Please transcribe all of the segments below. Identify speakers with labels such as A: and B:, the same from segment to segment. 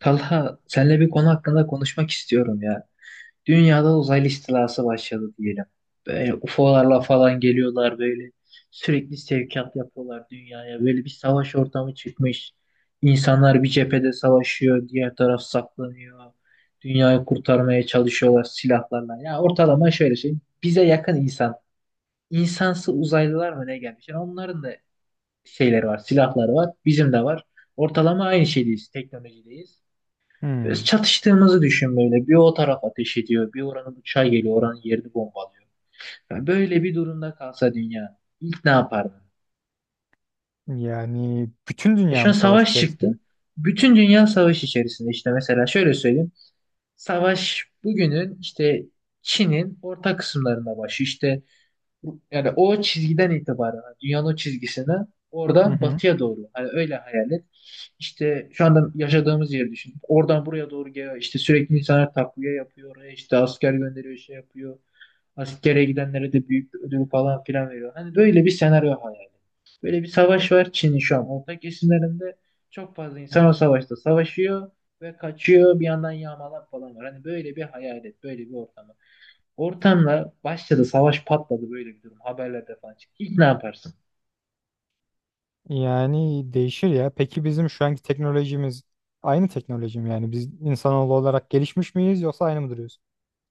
A: Talha, seninle bir konu hakkında konuşmak istiyorum ya. Dünyada uzaylı istilası başladı diyelim. Böyle UFO'larla falan geliyorlar böyle. Sürekli sevkiyat yapıyorlar dünyaya. Böyle bir savaş ortamı çıkmış. İnsanlar bir cephede savaşıyor, diğer taraf saklanıyor. Dünyayı kurtarmaya çalışıyorlar silahlarla. Ya ortalama şöyle şey. Bize yakın insan. İnsansı uzaylılar mı ne gelmiş? Yani onların da şeyleri var, silahları var. Bizim de var. Ortalama aynı şeydeyiz, teknolojideyiz. Böyle
B: Hmm.
A: çatıştığımızı düşün böyle. Bir o taraf ateş ediyor. Bir oranın uçağı geliyor. Oranın yerini bombalıyor. Yani böyle bir durumda kalsa dünya ilk ne yapardın?
B: Yani bütün
A: E
B: dünya
A: şu an
B: mı savaş
A: savaş çıktı.
B: içerisinde?
A: Bütün dünya savaş içerisinde işte mesela şöyle söyleyeyim. Savaş bugünün işte Çin'in orta kısımlarında başı işte Yani o çizgiden itibaren hani dünyanın o çizgisine
B: Hı
A: oradan
B: hı.
A: batıya doğru. Hani öyle hayal et. İşte şu anda yaşadığımız yeri düşün. Oradan buraya doğru geliyor. İşte sürekli insanlar takviye yapıyor. Oraya işte asker gönderiyor, şey yapıyor. Askere gidenlere de büyük bir ödül falan filan veriyor. Hani böyle bir senaryo hayal et. Böyle bir savaş var Çin'in şu an orta kesimlerinde. Çok fazla insan o savaşta savaşıyor ve kaçıyor. Bir yandan yağmalar falan var. Hani böyle bir hayal et. Böyle bir ortam. Ortamla başladı savaş patladı böyle bir durum haberlerde falan çıktı. İlk ne yaparsın?
B: Yani değişir ya. Peki bizim şu anki teknolojimiz aynı teknoloji mi? Yani biz insanoğlu olarak gelişmiş miyiz yoksa aynı mı duruyoruz?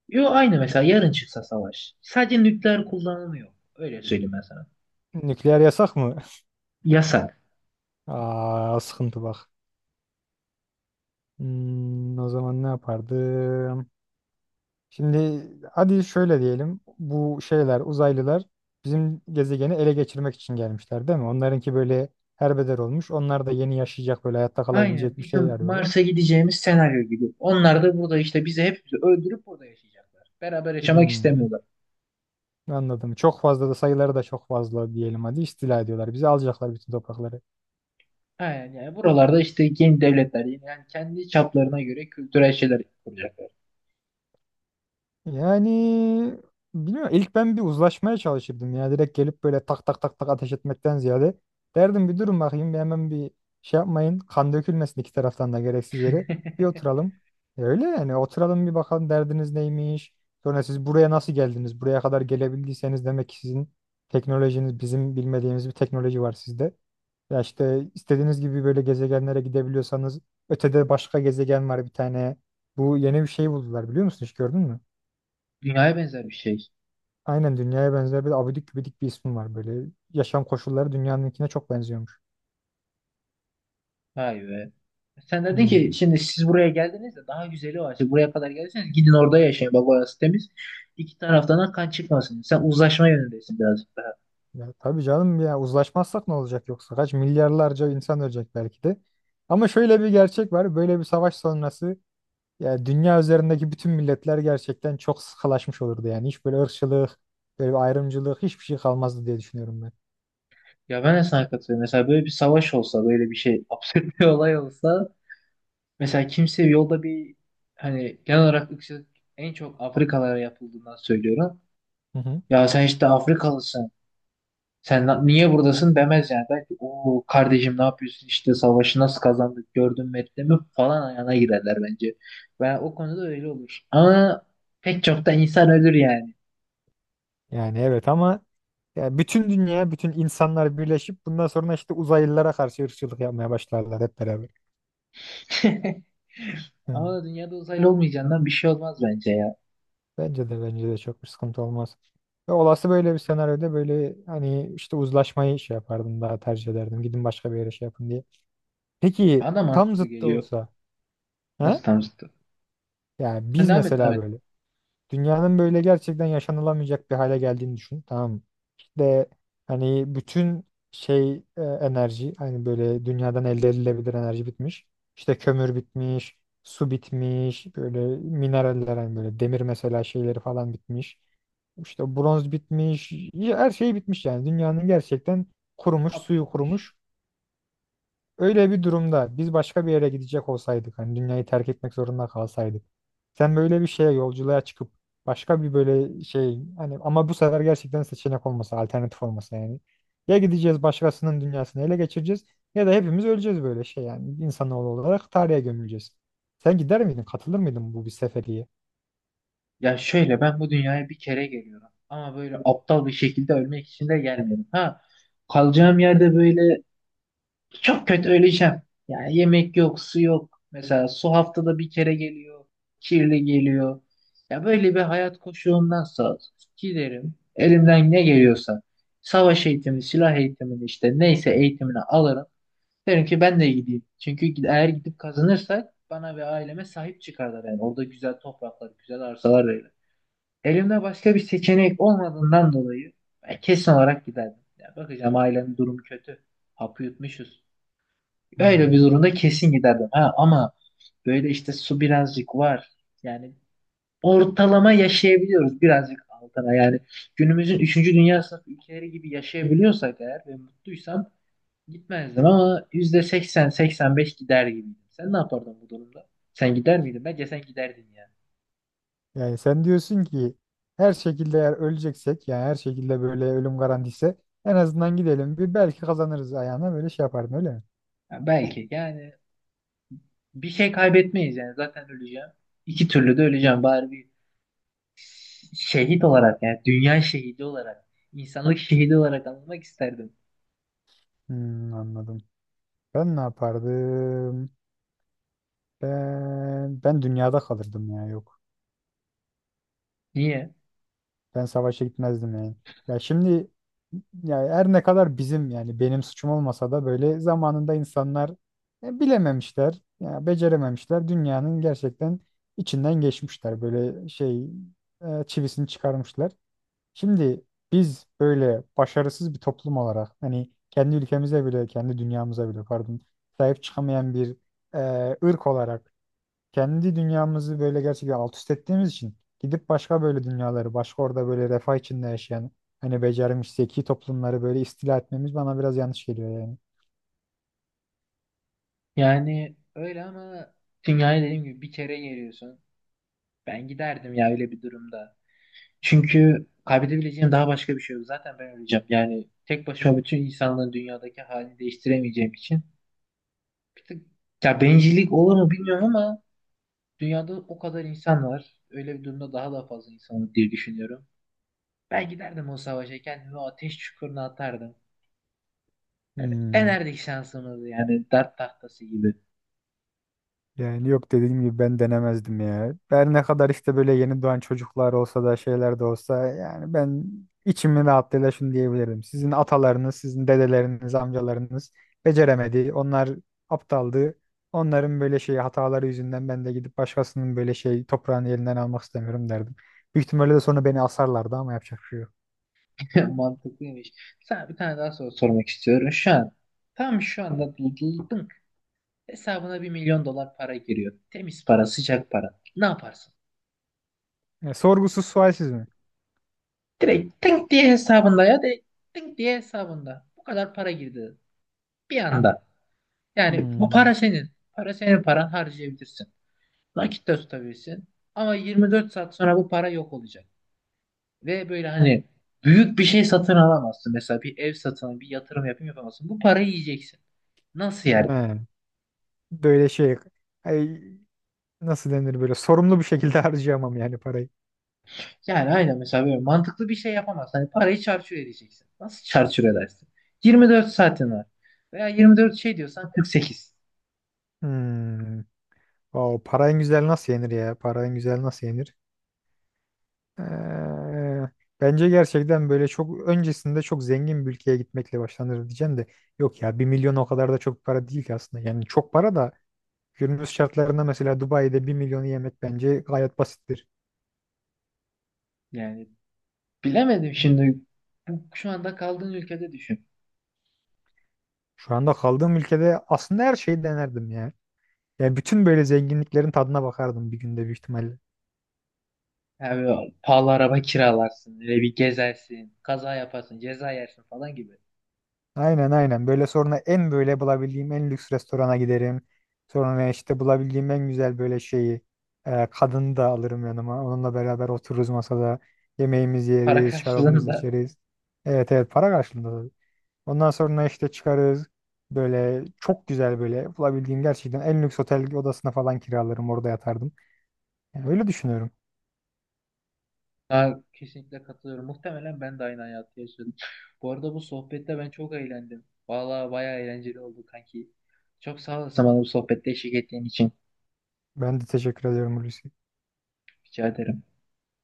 A: Yo aynı mesela yarın çıksa savaş. Sadece nükleer kullanılmıyor. Öyle söyleyeyim ben sana.
B: Nükleer yasak mı?
A: Yasak.
B: Aa, sıkıntı bak. O zaman ne yapardım? Şimdi hadi şöyle diyelim. Bu şeyler, uzaylılar bizim gezegeni ele geçirmek için gelmişler değil mi? Onlarınki böyle herbeder olmuş. Onlar da yeni yaşayacak böyle hayatta
A: Aynı
B: kalabilecek bir şey
A: bizim
B: arıyorlar.
A: Mars'a gideceğimiz senaryo gibi. Onlar da burada işte bizi hepimizi öldürüp burada yaşayacaklar. Beraber yaşamak
B: Hmm.
A: istemiyorlar.
B: Anladım. Çok fazla da sayıları da çok fazla diyelim, hadi istila ediyorlar. Bizi alacaklar, bütün toprakları.
A: Aynen yani buralarda işte yeni devletler yani kendi çaplarına göre kültürel şeyler kuracaklar.
B: Yani bilmiyorum. İlk ben bir uzlaşmaya çalışırdım ya. Direkt gelip böyle tak tak tak tak ateş etmekten ziyade derdim bir durun bakayım, bir hemen bir şey yapmayın. Kan dökülmesin iki taraftan da gereksiz yere. Bir oturalım. Öyle yani, oturalım bir bakalım derdiniz neymiş. Sonra siz buraya nasıl geldiniz? Buraya kadar gelebildiyseniz demek ki sizin teknolojiniz, bizim bilmediğimiz bir teknoloji var sizde. Ya işte, istediğiniz gibi böyle gezegenlere gidebiliyorsanız ötede başka gezegen var bir tane. Bu yeni bir şey buldular, biliyor musun, hiç gördün mü?
A: Dünyaya benzer bir şey.
B: Aynen dünyaya benzer, bir abidik gübidik bir ismi var böyle. Yaşam koşulları dünyanınkine çok benziyormuş.
A: Vay be. Sen dedin ki
B: Hmm.
A: şimdi siz buraya geldiniz de daha güzeli var. Siz buraya kadar geldiyseniz gidin orada yaşayın. Bak orası temiz. İki taraftan da kan çıkmasın. Sen uzlaşma yönündesin birazcık daha.
B: Ya tabii canım, ya uzlaşmazsak ne olacak, yoksa kaç milyarlarca insan ölecek belki de. Ama şöyle bir gerçek var, böyle bir savaş sonrası ya dünya üzerindeki bütün milletler gerçekten çok sıkılaşmış olurdu yani. Hiç böyle ırkçılık, böyle bir ayrımcılık hiçbir şey kalmazdı diye düşünüyorum ben.
A: Ya ben de sana katılıyorum. Mesela böyle bir savaş olsa, böyle bir şey absürt bir olay olsa. Mesela kimse yolda bir hani genel olarak ırkçılık en çok Afrikalara yapıldığından söylüyorum.
B: Hı hı.
A: Ya sen işte Afrikalısın. Sen niye buradasın demez yani. Belki o kardeşim ne yapıyorsun işte savaşı nasıl kazandık gördün mü ettin mi falan ayağına girerler bence. Ben o konuda öyle olur. Ama pek çok da insan ölür yani.
B: Yani evet, ama ya bütün dünya, bütün insanlar birleşip bundan sonra işte uzaylılara karşı ırkçılık yapmaya başlarlar hep beraber. Hı.
A: Ama dünyada uzaylı olmayacağından bir şey olmaz bence ya.
B: Bence de çok bir sıkıntı olmaz. Ve olası böyle bir senaryoda böyle hani işte uzlaşmayı şey yapardım, daha tercih ederdim. Gidin başka bir yere şey yapın diye. Peki
A: Bana da
B: tam
A: mantıklı
B: zıttı
A: geliyor.
B: olsa ha?
A: Nasıl tam zıttı?
B: Yani
A: Sen
B: biz
A: devam et devam
B: mesela
A: et.
B: böyle. Dünyanın böyle gerçekten yaşanılamayacak bir hale geldiğini düşün. Tamam mı? İşte hani bütün şey, enerji, hani böyle dünyadan elde edilebilir enerji bitmiş. İşte kömür bitmiş, su bitmiş, böyle mineraller, hani böyle demir mesela, şeyleri falan bitmiş. İşte bronz bitmiş, ya her şey bitmiş yani. Dünyanın gerçekten kurumuş,
A: Apı
B: suyu kurumuş.
A: yutmuş.
B: Öyle bir durumda biz başka bir yere gidecek olsaydık, hani dünyayı terk etmek zorunda kalsaydık. Sen böyle bir şeye, yolculuğa çıkıp başka bir böyle şey, hani ama bu sefer gerçekten seçenek olmasa, alternatif olmasa yani. Ya gideceğiz başkasının dünyasını ele geçireceğiz, ya da hepimiz öleceğiz, böyle şey yani, insanoğlu olarak tarihe gömüleceğiz. Sen gider miydin, katılır mıydın bu bir seferiye?
A: Ya şöyle ben bu dünyaya bir kere geliyorum. Ama böyle aptal bir şekilde ölmek için de gelmiyorum. Ha kalacağım yerde böyle çok kötü öleceğim. Yani yemek yok, su yok. Mesela su haftada bir kere geliyor, kirli geliyor. Ya böyle bir hayat koşuğundansa giderim, elimden ne geliyorsa savaş eğitimi, silah eğitimini işte neyse eğitimini alırım. Derim ki ben de gideyim. Çünkü eğer gidip kazanırsak bana ve aileme sahip çıkarlar yani. Orada güzel topraklar, güzel arsalar verir. Elimde başka bir seçenek olmadığından dolayı ben kesin olarak giderdim. Ya bakacağım ailemin durumu kötü. Hapı yutmuşuz. Öyle bir
B: Hmm.
A: durumda kesin giderdim. Ha, ama böyle işte su birazcık var. Yani ortalama yaşayabiliyoruz birazcık altına. Yani günümüzün üçüncü dünya sınıfı ülkeleri gibi yaşayabiliyorsak eğer ve mutluysam gitmezdim ama %80 %85 gider gibiydim. Sen ne yapardın bu durumda? Sen gider miydin? Bence sen giderdin yani.
B: Yani sen diyorsun ki her şekilde eğer öleceksek, yani her şekilde böyle ölüm garantisi, en azından gidelim bir, belki kazanırız ayağına böyle şey yapardın, öyle mi?
A: Ya belki yani bir şey kaybetmeyiz yani zaten öleceğim. İki türlü de öleceğim bari bir şehit olarak yani dünya şehidi olarak insanlık şehidi olarak anılmak isterdim.
B: Anladım. Ben ne yapardım? Ben dünyada kalırdım ya, yok.
A: Niye?
B: Ben savaşa gitmezdim yani. Ya şimdi, ya her ne kadar bizim yani benim suçum olmasa da, böyle zamanında insanlar bilememişler, ya becerememişler. Dünyanın gerçekten içinden geçmişler. Böyle şey, çivisini çıkarmışlar. Şimdi biz böyle başarısız bir toplum olarak, hani kendi ülkemize bile, kendi dünyamıza bile pardon, sahip çıkamayan bir ırk olarak, kendi dünyamızı böyle gerçekten alt üst ettiğimiz için, gidip başka böyle dünyaları, başka orada böyle refah içinde yaşayan, hani becermiş zeki toplumları böyle istila etmemiz bana biraz yanlış geliyor yani.
A: Yani öyle ama dünyaya dediğim gibi bir kere geliyorsun. Ben giderdim ya öyle bir durumda. Çünkü kaybedebileceğim daha başka bir şey yok. Zaten ben öleceğim. Yani tek başıma bütün insanların dünyadaki halini değiştiremeyeceğim için. Bir tık ya bencillik olur mu bilmiyorum ama dünyada o kadar insan var. Öyle bir durumda daha da fazla insan olur diye düşünüyorum. Ben giderdim o savaşa kendimi o ateş çukuruna atardım.
B: Hmm.
A: Denerdik şansımızı yani dert tahtası gibi.
B: Yani yok, dediğim gibi ben denemezdim ya. Her ne kadar işte böyle yeni doğan çocuklar olsa da, şeyler de olsa, yani ben içimin rahatlığıyla şunu diyebilirim. Sizin atalarınız, sizin dedeleriniz, amcalarınız beceremedi. Onlar aptaldı. Onların böyle şey hataları yüzünden ben de gidip başkasının böyle şey toprağını elinden almak istemiyorum derdim. Büyük ihtimalle de sonra beni asarlardı, ama yapacak bir şey yok.
A: Mantıklıymış. Sana bir tane daha soru sormak istiyorum. Şu an tam şu anda buldun. Hesabına 1 milyon dolar para giriyor. Temiz para, sıcak para. Ne yaparsın?
B: Yani sorgusuz sualsiz mi?
A: Direkt tink diye hesabında ya direkt tink diye hesabında. Bu kadar para girdi. Bir anda. Yani bu
B: Hmm.
A: para senin. Para senin paran harcayabilirsin. Nakit de tutabilirsin. Ama 24 saat sonra bu para yok olacak. Ve böyle hani büyük bir şey satın alamazsın. Mesela bir ev satın, bir yatırım yapayım yapamazsın. Bu parayı yiyeceksin. Nasıl
B: He.
A: yani?
B: Böyle şey, ay, nasıl denir, böyle sorumlu bir şekilde harcayamam yani parayı.
A: Yani aynen mesela böyle mantıklı bir şey yapamazsın. Hani parayı çarçur edeceksin. Nasıl çarçur edersin? 24 saatin var. Veya 24 şey diyorsan 48.
B: Hmm. O para en güzel nasıl yenir ya? Para en güzel nasıl yenir? Ee, Bence gerçekten böyle çok öncesinde çok zengin bir ülkeye gitmekle başlanır diyeceğim de, yok ya, 1 milyon o kadar da çok para değil ki aslında. Yani çok para da, günümüz şartlarında mesela Dubai'de 1 milyonu yemek bence gayet basittir.
A: Yani bilemedim şimdi. Bu, şu anda kaldığın ülkede düşün.
B: Şu anda kaldığım ülkede aslında her şeyi denerdim ya. Yani bütün böyle zenginliklerin tadına bakardım bir günde, büyük ihtimalle.
A: Yani böyle pahalı araba kiralarsın. Öyle bir gezersin. Kaza yaparsın. Ceza yersin falan gibi.
B: Aynen aynen. Böyle sonra en, böyle bulabildiğim en lüks restorana giderim. Sonra işte bulabildiğim en güzel böyle şeyi, kadını da alırım yanıma. Onunla beraber otururuz masada. Yemeğimizi
A: Para
B: yeriz, şarabımızı
A: karşılığında.
B: içeriz. Evet, evet, para karşılığında, tabii. Ondan sonra işte çıkarız. Böyle çok güzel, böyle bulabildiğim gerçekten en lüks otel odasına falan kiralarım. Orada yatardım. Yani öyle düşünüyorum.
A: Ha, kesinlikle katılıyorum. Muhtemelen ben de aynı hayatı yaşadım. Bu arada bu sohbette ben çok eğlendim. Vallahi bayağı eğlenceli oldu kanki. Çok sağ olasın bana bu sohbette eşlik ettiğin için.
B: Ben de teşekkür ediyorum, Hulusi.
A: Rica ederim.